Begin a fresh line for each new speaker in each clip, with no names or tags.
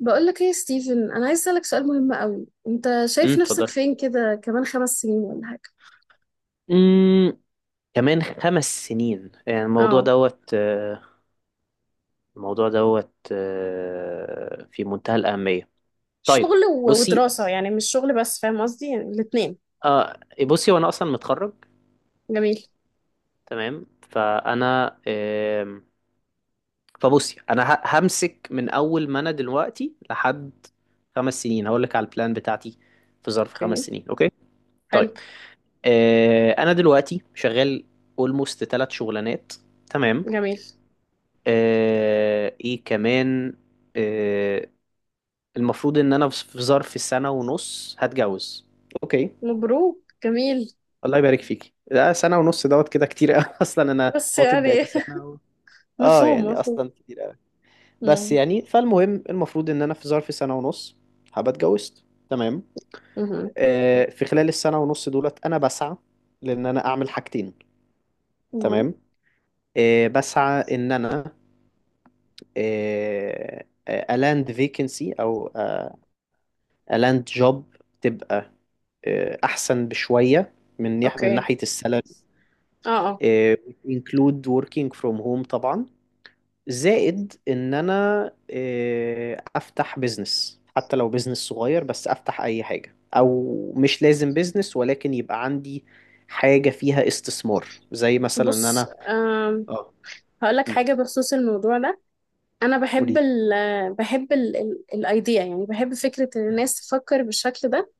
بقولك ايه يا ستيفن؟ انا عايز اسالك سؤال مهم قوي. انت شايف نفسك
اتفضل.
فين كده كمان 5 سنين ولا حاجه؟
امم كمان 5 سنين، يعني الموضوع
اه،
دوت آه، الموضوع دوت آه، في منتهى الأهمية. طيب،
شغل و-
بصي
ودراسة، يعني مش شغل بس، فاهم قصدي؟ يعني الاتنين.
آه، بصي وانا اصلا متخرج.
جميل.
تمام، فانا آم، فبصي انا همسك من اول ما انا دلوقتي لحد 5 سنين. هقول لك على البلان بتاعتي في ظرف
اوكي.
5 سنين. اوكي. طيب،
حلو.
انا دلوقتي شغال اولموست ثلاث شغلانات. تمام.
جميل.
ايه كمان؟ آه، المفروض ان انا في ظرف سنة ونص هتجوز. اوكي.
مبروك، جميل.
الله يبارك فيكي، ده سنة ونص دوت كده كتير قوي اصلا انا
بس
خاطب
يعني
بقالي سنة و... اه
مفهوم،
يعني
مفهوم.
اصلا كتير قوي. بس
مم.
يعني فالمهم، المفروض ان انا في ظرف سنة ونص هبقى اتجوزت. تمام.
مهم.
في خلال السنة ونص دولت انا بسعى لان انا اعمل حاجتين.
مهم.
تمام. بسعى ان انا الاند فيكنسي او لاند جوب تبقى احسن بشويه من من
اوكي.
ناحيه السالري.
اه اه.
انكلود وركينج فروم هوم طبعا. زائد ان انا افتح بزنس، حتى لو بزنس صغير، بس افتح اي حاجه، او مش لازم بزنس ولكن يبقى عندي حاجه فيها استثمار، زي مثلا ان
بص
انا اه
هقول لك
مم.
حاجة بخصوص الموضوع ده. أنا
قولي
بحب
لي.
ال بحب ال الأيديا يعني بحب فكرة إن الناس تفكر بالشكل ده.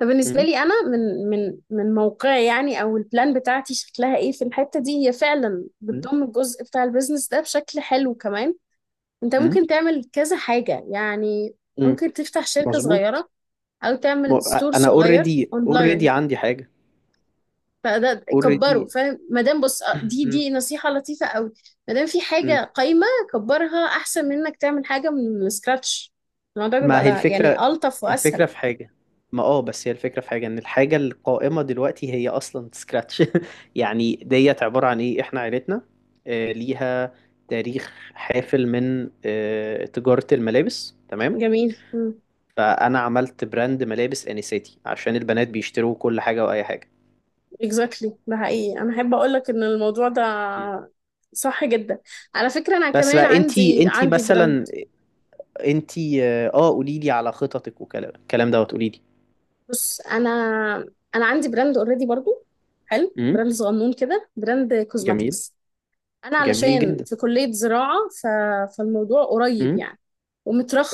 فبالنسبة
مم.
لي أنا، من موقعي يعني، أو البلان بتاعتي شكلها إيه في الحتة دي، هي فعلا
مم.
بتضم الجزء بتاع البيزنس ده بشكل حلو كمان. أنت
مم.
ممكن تعمل كذا حاجة يعني،
مم.
ممكن تفتح شركة
مظبوط.
صغيرة أو
م-
تعمل ستور
انا
صغير
اوريدي
أونلاين.
عندي حاجه،
فده
اوريدي.
كبره، فاهم؟ مادام بص، دي دي نصيحة لطيفة أوي. مادام في حاجة قايمة، كبرها أحسن من إنك تعمل حاجة من سكراتش. الموضوع بيبقى
ما هي
يعني
الفكرة؟
ألطف وأسهل.
الفكرة في حاجة. ما بس، هي الفكرة في حاجة، ان الحاجة القائمة دلوقتي هي اصلا سكراتش يعني ديت عبارة عن ايه؟ احنا عيلتنا ليها تاريخ حافل من تجارة الملابس، تمام؟
جميل.
فانا عملت براند ملابس انساتي، عشان البنات بيشتروا كل حاجة واي حاجة.
اكزاكتلي exactly، ده حقيقي. انا احب اقول لك ان الموضوع ده
م.
صح جدا. على فكره انا
بس
كمان
بقى
عندي
انتي
عندي براند.
مثلا، انتي قوليلي على خططك، وكلام الكلام دوت قوليلي.
بص انا عندي براند اوريدي برضو، حلو،
امم
براند صغنون كده، براند
جميل.
كوزماتكس. انا
جميل
علشان
جدا.
في كلية زراعة ف... فالموضوع قريب
امم
يعني،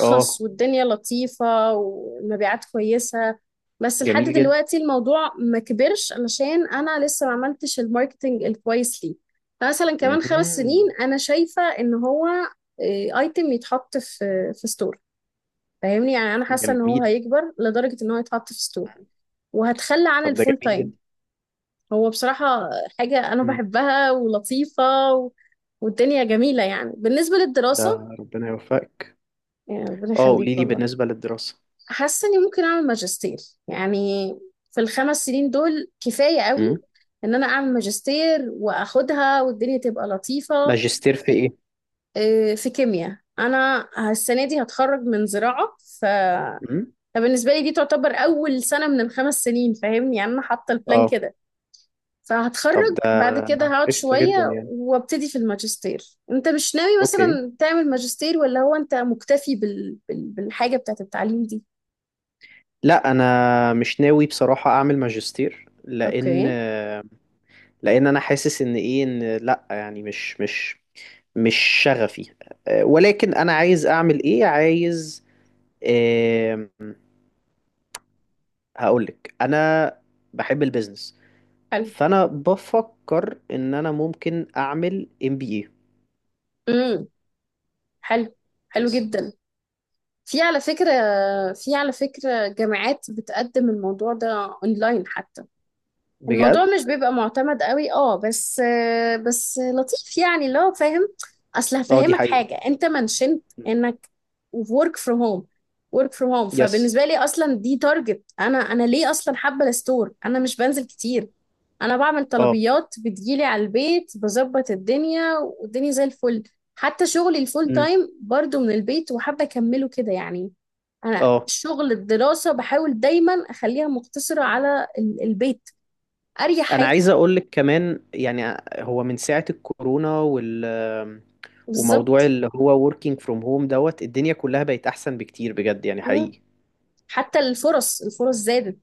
اه،
والدنيا لطيفة والمبيعات كويسة. بس لحد
جميل جدا.
دلوقتي الموضوع ما كبرش علشان انا لسه ما عملتش الماركتنج الكويس ليه. فمثلا كمان 5 سنين
مهم.
انا شايفة ان هو ايتم يتحط في ستور، فاهمني؟ يعني انا حاسة ان هو
جميل.
هيكبر لدرجة ان هو يتحط في ستور، وهتخلى عن
طب ده
الفول
جميل
تايم.
جدا.
هو بصراحة حاجة أنا
مم.
بحبها ولطيفة و... والدنيا جميلة. يعني بالنسبة للدراسة،
ده ربنا يوفقك.
يعني ربنا
اه، قولي
يخليك
لي
والله.
بالنسبة للدراسة.
حاسة إني ممكن أعمل ماجستير، يعني في ال5 سنين دول كفاية قوي
مم.
إن أنا أعمل ماجستير وأخدها والدنيا تبقى لطيفة.
ماجستير في ايه؟
في كيمياء. أنا السنة دي هتخرج من زراعة ف...
مم.
فبالنسبة لي دي تعتبر أول سنة من ال5 سنين، فاهمني؟ يعني أنا حاطة البلان
اه،
كده.
طب
فهتخرج،
ده
بعد كده هقعد
قشطة جدا
شوية
يعني.
وابتدي في الماجستير. انت مش ناوي
اوكي.
مثلا تعمل ماجستير، ولا هو انت مكتفي بالحاجة بتاعت التعليم دي؟
لا، انا مش ناوي بصراحة اعمل ماجستير، لان
اوكي.
لان انا حاسس ان ايه، ان لا يعني مش شغفي. ولكن انا عايز اعمل ايه؟ عايز آم، هقولك، انا بحب البيزنس.
حلو.
فانا بفكر ان انا ممكن اعمل ام بي اي.
امم. حلو، حلو
يس.
جدا. في على فكرة، جامعات بتقدم الموضوع ده اونلاين حتى. الموضوع
بجد.
مش بيبقى معتمد قوي، اه، بس بس لطيف يعني، اللي هو فاهم. اصل
اه، دي
هفهمك
حقيقة.
حاجه، انت منشنت انك work from home. work from home
يس.
فبالنسبه لي اصلا دي تارجت. انا ليه اصلا حابه الستور؟ انا مش بنزل كتير، انا بعمل
اه.
طلبيات بتجيلي على البيت، بظبط الدنيا والدنيا زي الفل. حتى شغلي الفول
امم
تايم برضو من البيت، وحابه اكمله كده يعني. انا
اه،
شغل الدراسه بحاول دايما اخليها مقتصره على البيت، اريح
انا
حاجه.
عايز اقول لك كمان يعني، هو من ساعة الكورونا وال- وموضوع
بالظبط.
اللي هو working from home دوت، الدنيا كلها بقت احسن بكتير، بجد يعني
مم.
حقيقي.
حتى الفرص زادت،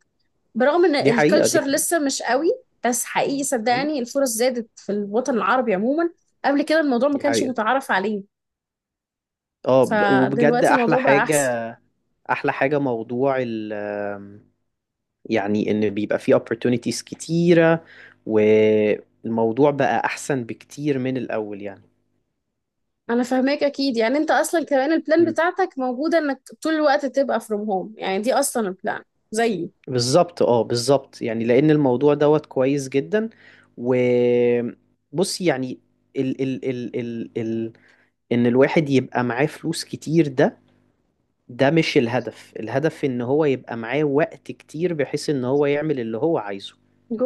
برغم ان
دي حقيقة، دي
الكالتشر
حقيقة.
لسه مش قوي. بس حقيقي
امم
صدقني الفرص زادت في الوطن العربي عموما. قبل كده الموضوع ما
دي
كانش
حقيقة.
متعارف عليه.
اه، وبجد
فدلوقتي
احلى
الموضوع بقى
حاجة.
احسن.
احلى حاجة موضوع يعني ان بيبقى فيه opportunities كتيرة، والموضوع بقى احسن بكتير من الاول يعني.
انا فاهماك اكيد. يعني انت اصلا كمان البلان
مم.
بتاعتك موجوده انك طول الوقت تبقى فروم هوم، يعني دي اصلا البلان زيي.
بالظبط، اه، بالظبط يعني، لان الموضوع دوت كويس جدا. وبص يعني، ال ال ال ال ال ان الواحد يبقى معاه فلوس كتير، ده ده مش الهدف. الهدف ان هو يبقى معاه وقت كتير، بحيث ان هو يعمل اللي هو عايزه.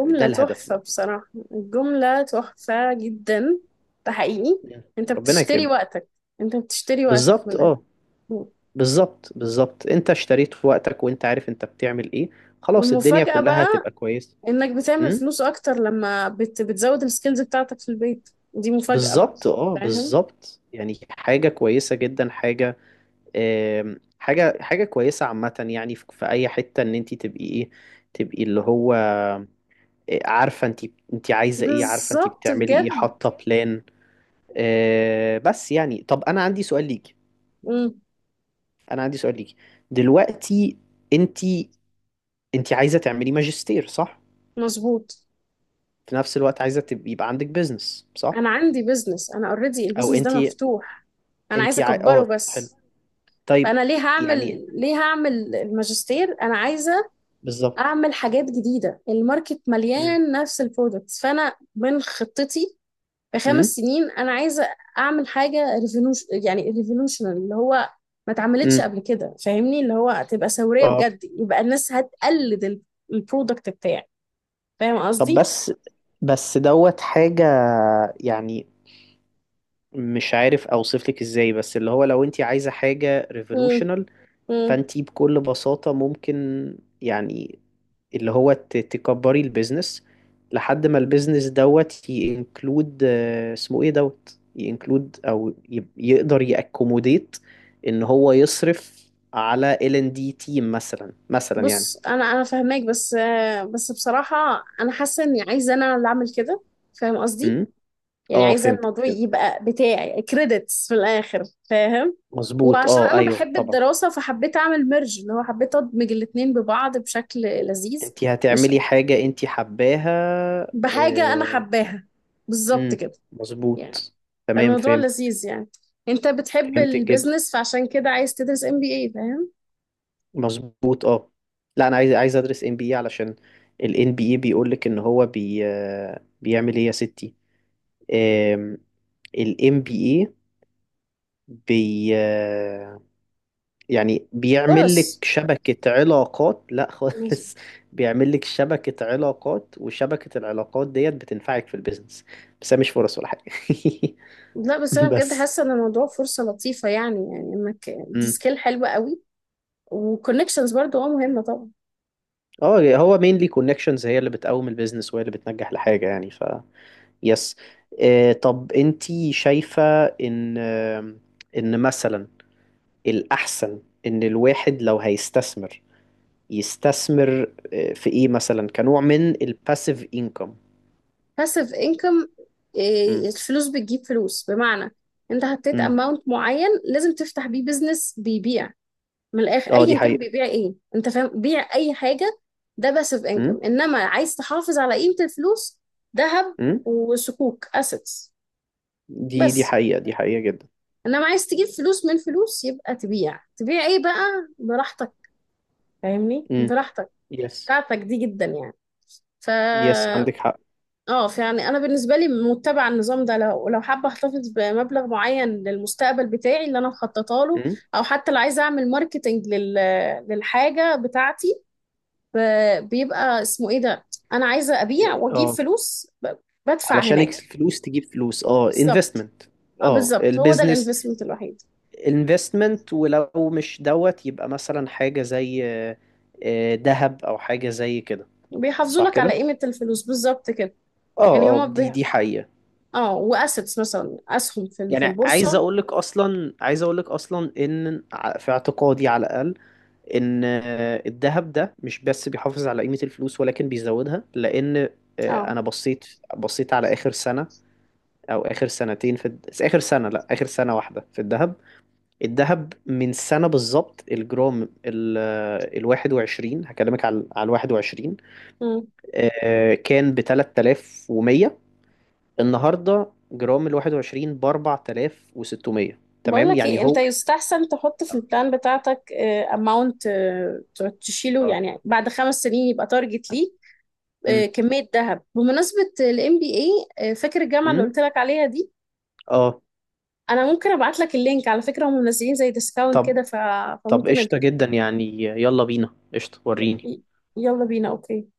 يعني ده الهدف
تحفه
بقى.
بصراحه، الجمله تحفه جدا. ده حقيقي.
مم.
انت
ربنا
بتشتري
يكرمك.
وقتك. انت بتشتري وقتك من
بالظبط،
الآخر.
اه، بالظبط، انت اشتريت وقتك، وانت عارف انت بتعمل ايه. خلاص، الدنيا
والمفاجأة
كلها هتبقى
بقى،
كويسة.
انك بتعمل
امم
فلوس اكتر لما بتزود السكيلز بتاعتك في البيت، دي مفاجأة بقى،
بالظبط، اه،
فاهم؟
بالظبط يعني، حاجة كويسة جدا. حاجة كويسة عامة، يعني في اي حتة، ان انت تبقي ايه، تبقي اللي هو، عارفة انت عايزة ايه، عارفة انت
بالظبط،
بتعملي ايه،
بجد.
حاطة بلان. بس يعني، طب انا عندي سؤال ليكي
مم.
انا عندي سؤال ليكي دلوقتي. انت انت عايزة تعملي ماجستير، صح؟
مظبوط.
في نفس الوقت عايزة يبقى عندك بيزنس، صح؟
انا عندي بيزنس، انا اوريدي
أو
البيزنس ده
أنتي
مفتوح، انا عايزة
أنتي
اكبره
أه، حلو.
بس.
طيب
فانا
يعني،
ليه هعمل الماجستير؟ انا عايزة
بالظبط.
اعمل حاجات جديدة. الماركت
امم
مليان نفس البرودكتس، فانا من خطتي في خمس
امم
سنين انا عايزه اعمل حاجه ريفولوشنال، اللي هو ما اتعملتش
امم
قبل كده، فاهمني؟ اللي هو تبقى ثوريه
أه،
بجد، يبقى الناس هتقلد البرودكت بتاعي، فاهم
طب،
قصدي؟
بس دوت حاجة يعني. مش عارف أوصف لك إزاي، بس اللي هو لو أنتي عايزة حاجة
مم.
ريفولوشنال،
مم.
فأنتي بكل بساطة ممكن يعني، اللي هو تكبري البيزنس لحد ما البيزنس دوت ينكلود، اسمه ايه دوت، ينكلود او يقدر يأكوموديت ان هو يصرف على ال ان دي تيم، مثلا يعني.
بص انا فاهماك، بس بس بصراحه انا حاسه اني عايزه انا اللي اعمل كده، فاهم قصدي؟
امم
يعني
اه،
عايزه
فهمتك
الموضوع
فهمتك.
يبقى بتاعي، كريدتس في الاخر، فاهم؟
مظبوط،
وعشان
اه،
انا
ايوه
بحب
طبعا.
الدراسه فحبيت اعمل ميرج، اللي هو حبيت ادمج الاتنين ببعض بشكل لذيذ.
انت
مش
هتعملي حاجة انت حباها.
بحاجة أنا حباها، بالظبط
امم
كده يعني.
مظبوط. تمام،
فالموضوع
فهمت.
لذيذ يعني. أنت بتحب
فهمتك جدا،
البيزنس، فعشان كده عايز تدرس MBA، فاهم؟
مظبوط، اه. لا، انا عايز ادرس ام بي اي، علشان الان بي اي بيقول لك ان هو بي آه، بيعمل ايه يا ستي. الام بي اي بي آه، يعني بيعمل لك
فرص.
شبكة علاقات، لا خالص. بيعمل لك شبكة علاقات، وشبكة العلاقات ديت بتنفعك في البيزنس، بس هي مش فرص ولا حاجة
لا بس أنا بجد
بس
حاسة إن الموضوع فرصة لطيفة، يعني، يعني إنك دي
مم.
سكيل حلوة قوي. وكونكشنز برضو، اه، مهمة طبعا.
اه، هو مينلي كونكشنز هي اللي بتقوم البيزنس، وهي اللي بتنجح لحاجة يعني، يس. طب، انتي شايفة ان، مثلا الأحسن ان الواحد لو هيستثمر، يستثمر في ايه مثلا، كنوع من الباسيف انكم.
باسيف انكم.
امم
الفلوس بتجيب فلوس. بمعنى، أنت حطيت
امم
اماونت معين لازم تفتح بيه بيزنس بيبيع. من الاخر
اه، دي
ايا كان
حقيقة.
بيبيع ايه، انت فاهم، بيع اي حاجه. ده باسيف انكم.
امم
انما عايز تحافظ على قيمه الفلوس؟ ذهب
امم
وسكوك، اسيتس.
دي
بس
حقيقة. دي حقيقة جدا.
انما عايز تجيب فلوس من فلوس، يبقى تبيع ايه بقى؟ براحتك. فاهمني؟
امم
براحتك
يس.
بتاعتك دي، جدا يعني. ف...
يس، عندك حق.
اه فيعني انا بالنسبه لي متبعه النظام ده. لو حابه احتفظ بمبلغ معين للمستقبل بتاعي اللي انا مخططه له،
امم
او حتى لو عايزه اعمل ماركتنج لل... للحاجه بتاعتي، بيبقى اسمه ايه ده، انا عايزه ابيع واجيب
اه،
فلوس بدفع
علشان
هناك.
الفلوس تجيب فلوس، اه،
بالظبط،
انفستمنت.
اه
اه،
بالظبط. هو ده
البيزنس
الانفستمنت الوحيد.
investment. ولو مش دوت، يبقى مثلا حاجة زي ذهب، او حاجة زي كده.
بيحافظوا
صح
لك على
كده.
قيمه الفلوس بالظبط كده،
اه،
يعني
اه،
هما
دي دي حقيقة.
اه، واسيتس مثلا، اسهم في في
يعني عايز
البورصه.
اقول لك اصلا عايز اقول لك اصلا ان في اعتقادي على الاقل، ان الذهب ده مش بس بيحافظ على قيمة الفلوس، ولكن بيزودها. لان
اه.
انا بصيت على اخر سنة، او اخر سنتين في اخر سنة، لا اخر سنة واحدة، في الذهب. الذهب من سنة بالظبط، الجرام 21، هكلمك على 21،
امم.
كان بـ3,100. النهاردة جرام 21 بـ4,600.
بقول
تمام
لك
يعني،
ايه، انت
هو،
يستحسن تحط في
اه،
البلان بتاعتك اماونت تشيله،
اه.
يعني بعد 5 سنين يبقى تارجت ليك،
مم.
كميه ذهب. بمناسبه الMBA، فاكر الجامعه اللي
مم.
قلت لك عليها دي؟
اه،
انا ممكن ابعت لك اللينك على فكرة، هم منزلين زي ديسكاونت
طب
كده ف...
طب
فممكن أد...
قشطة جدا يعني. يلا بينا، قشطة وريني.
يلا بينا، اوكي.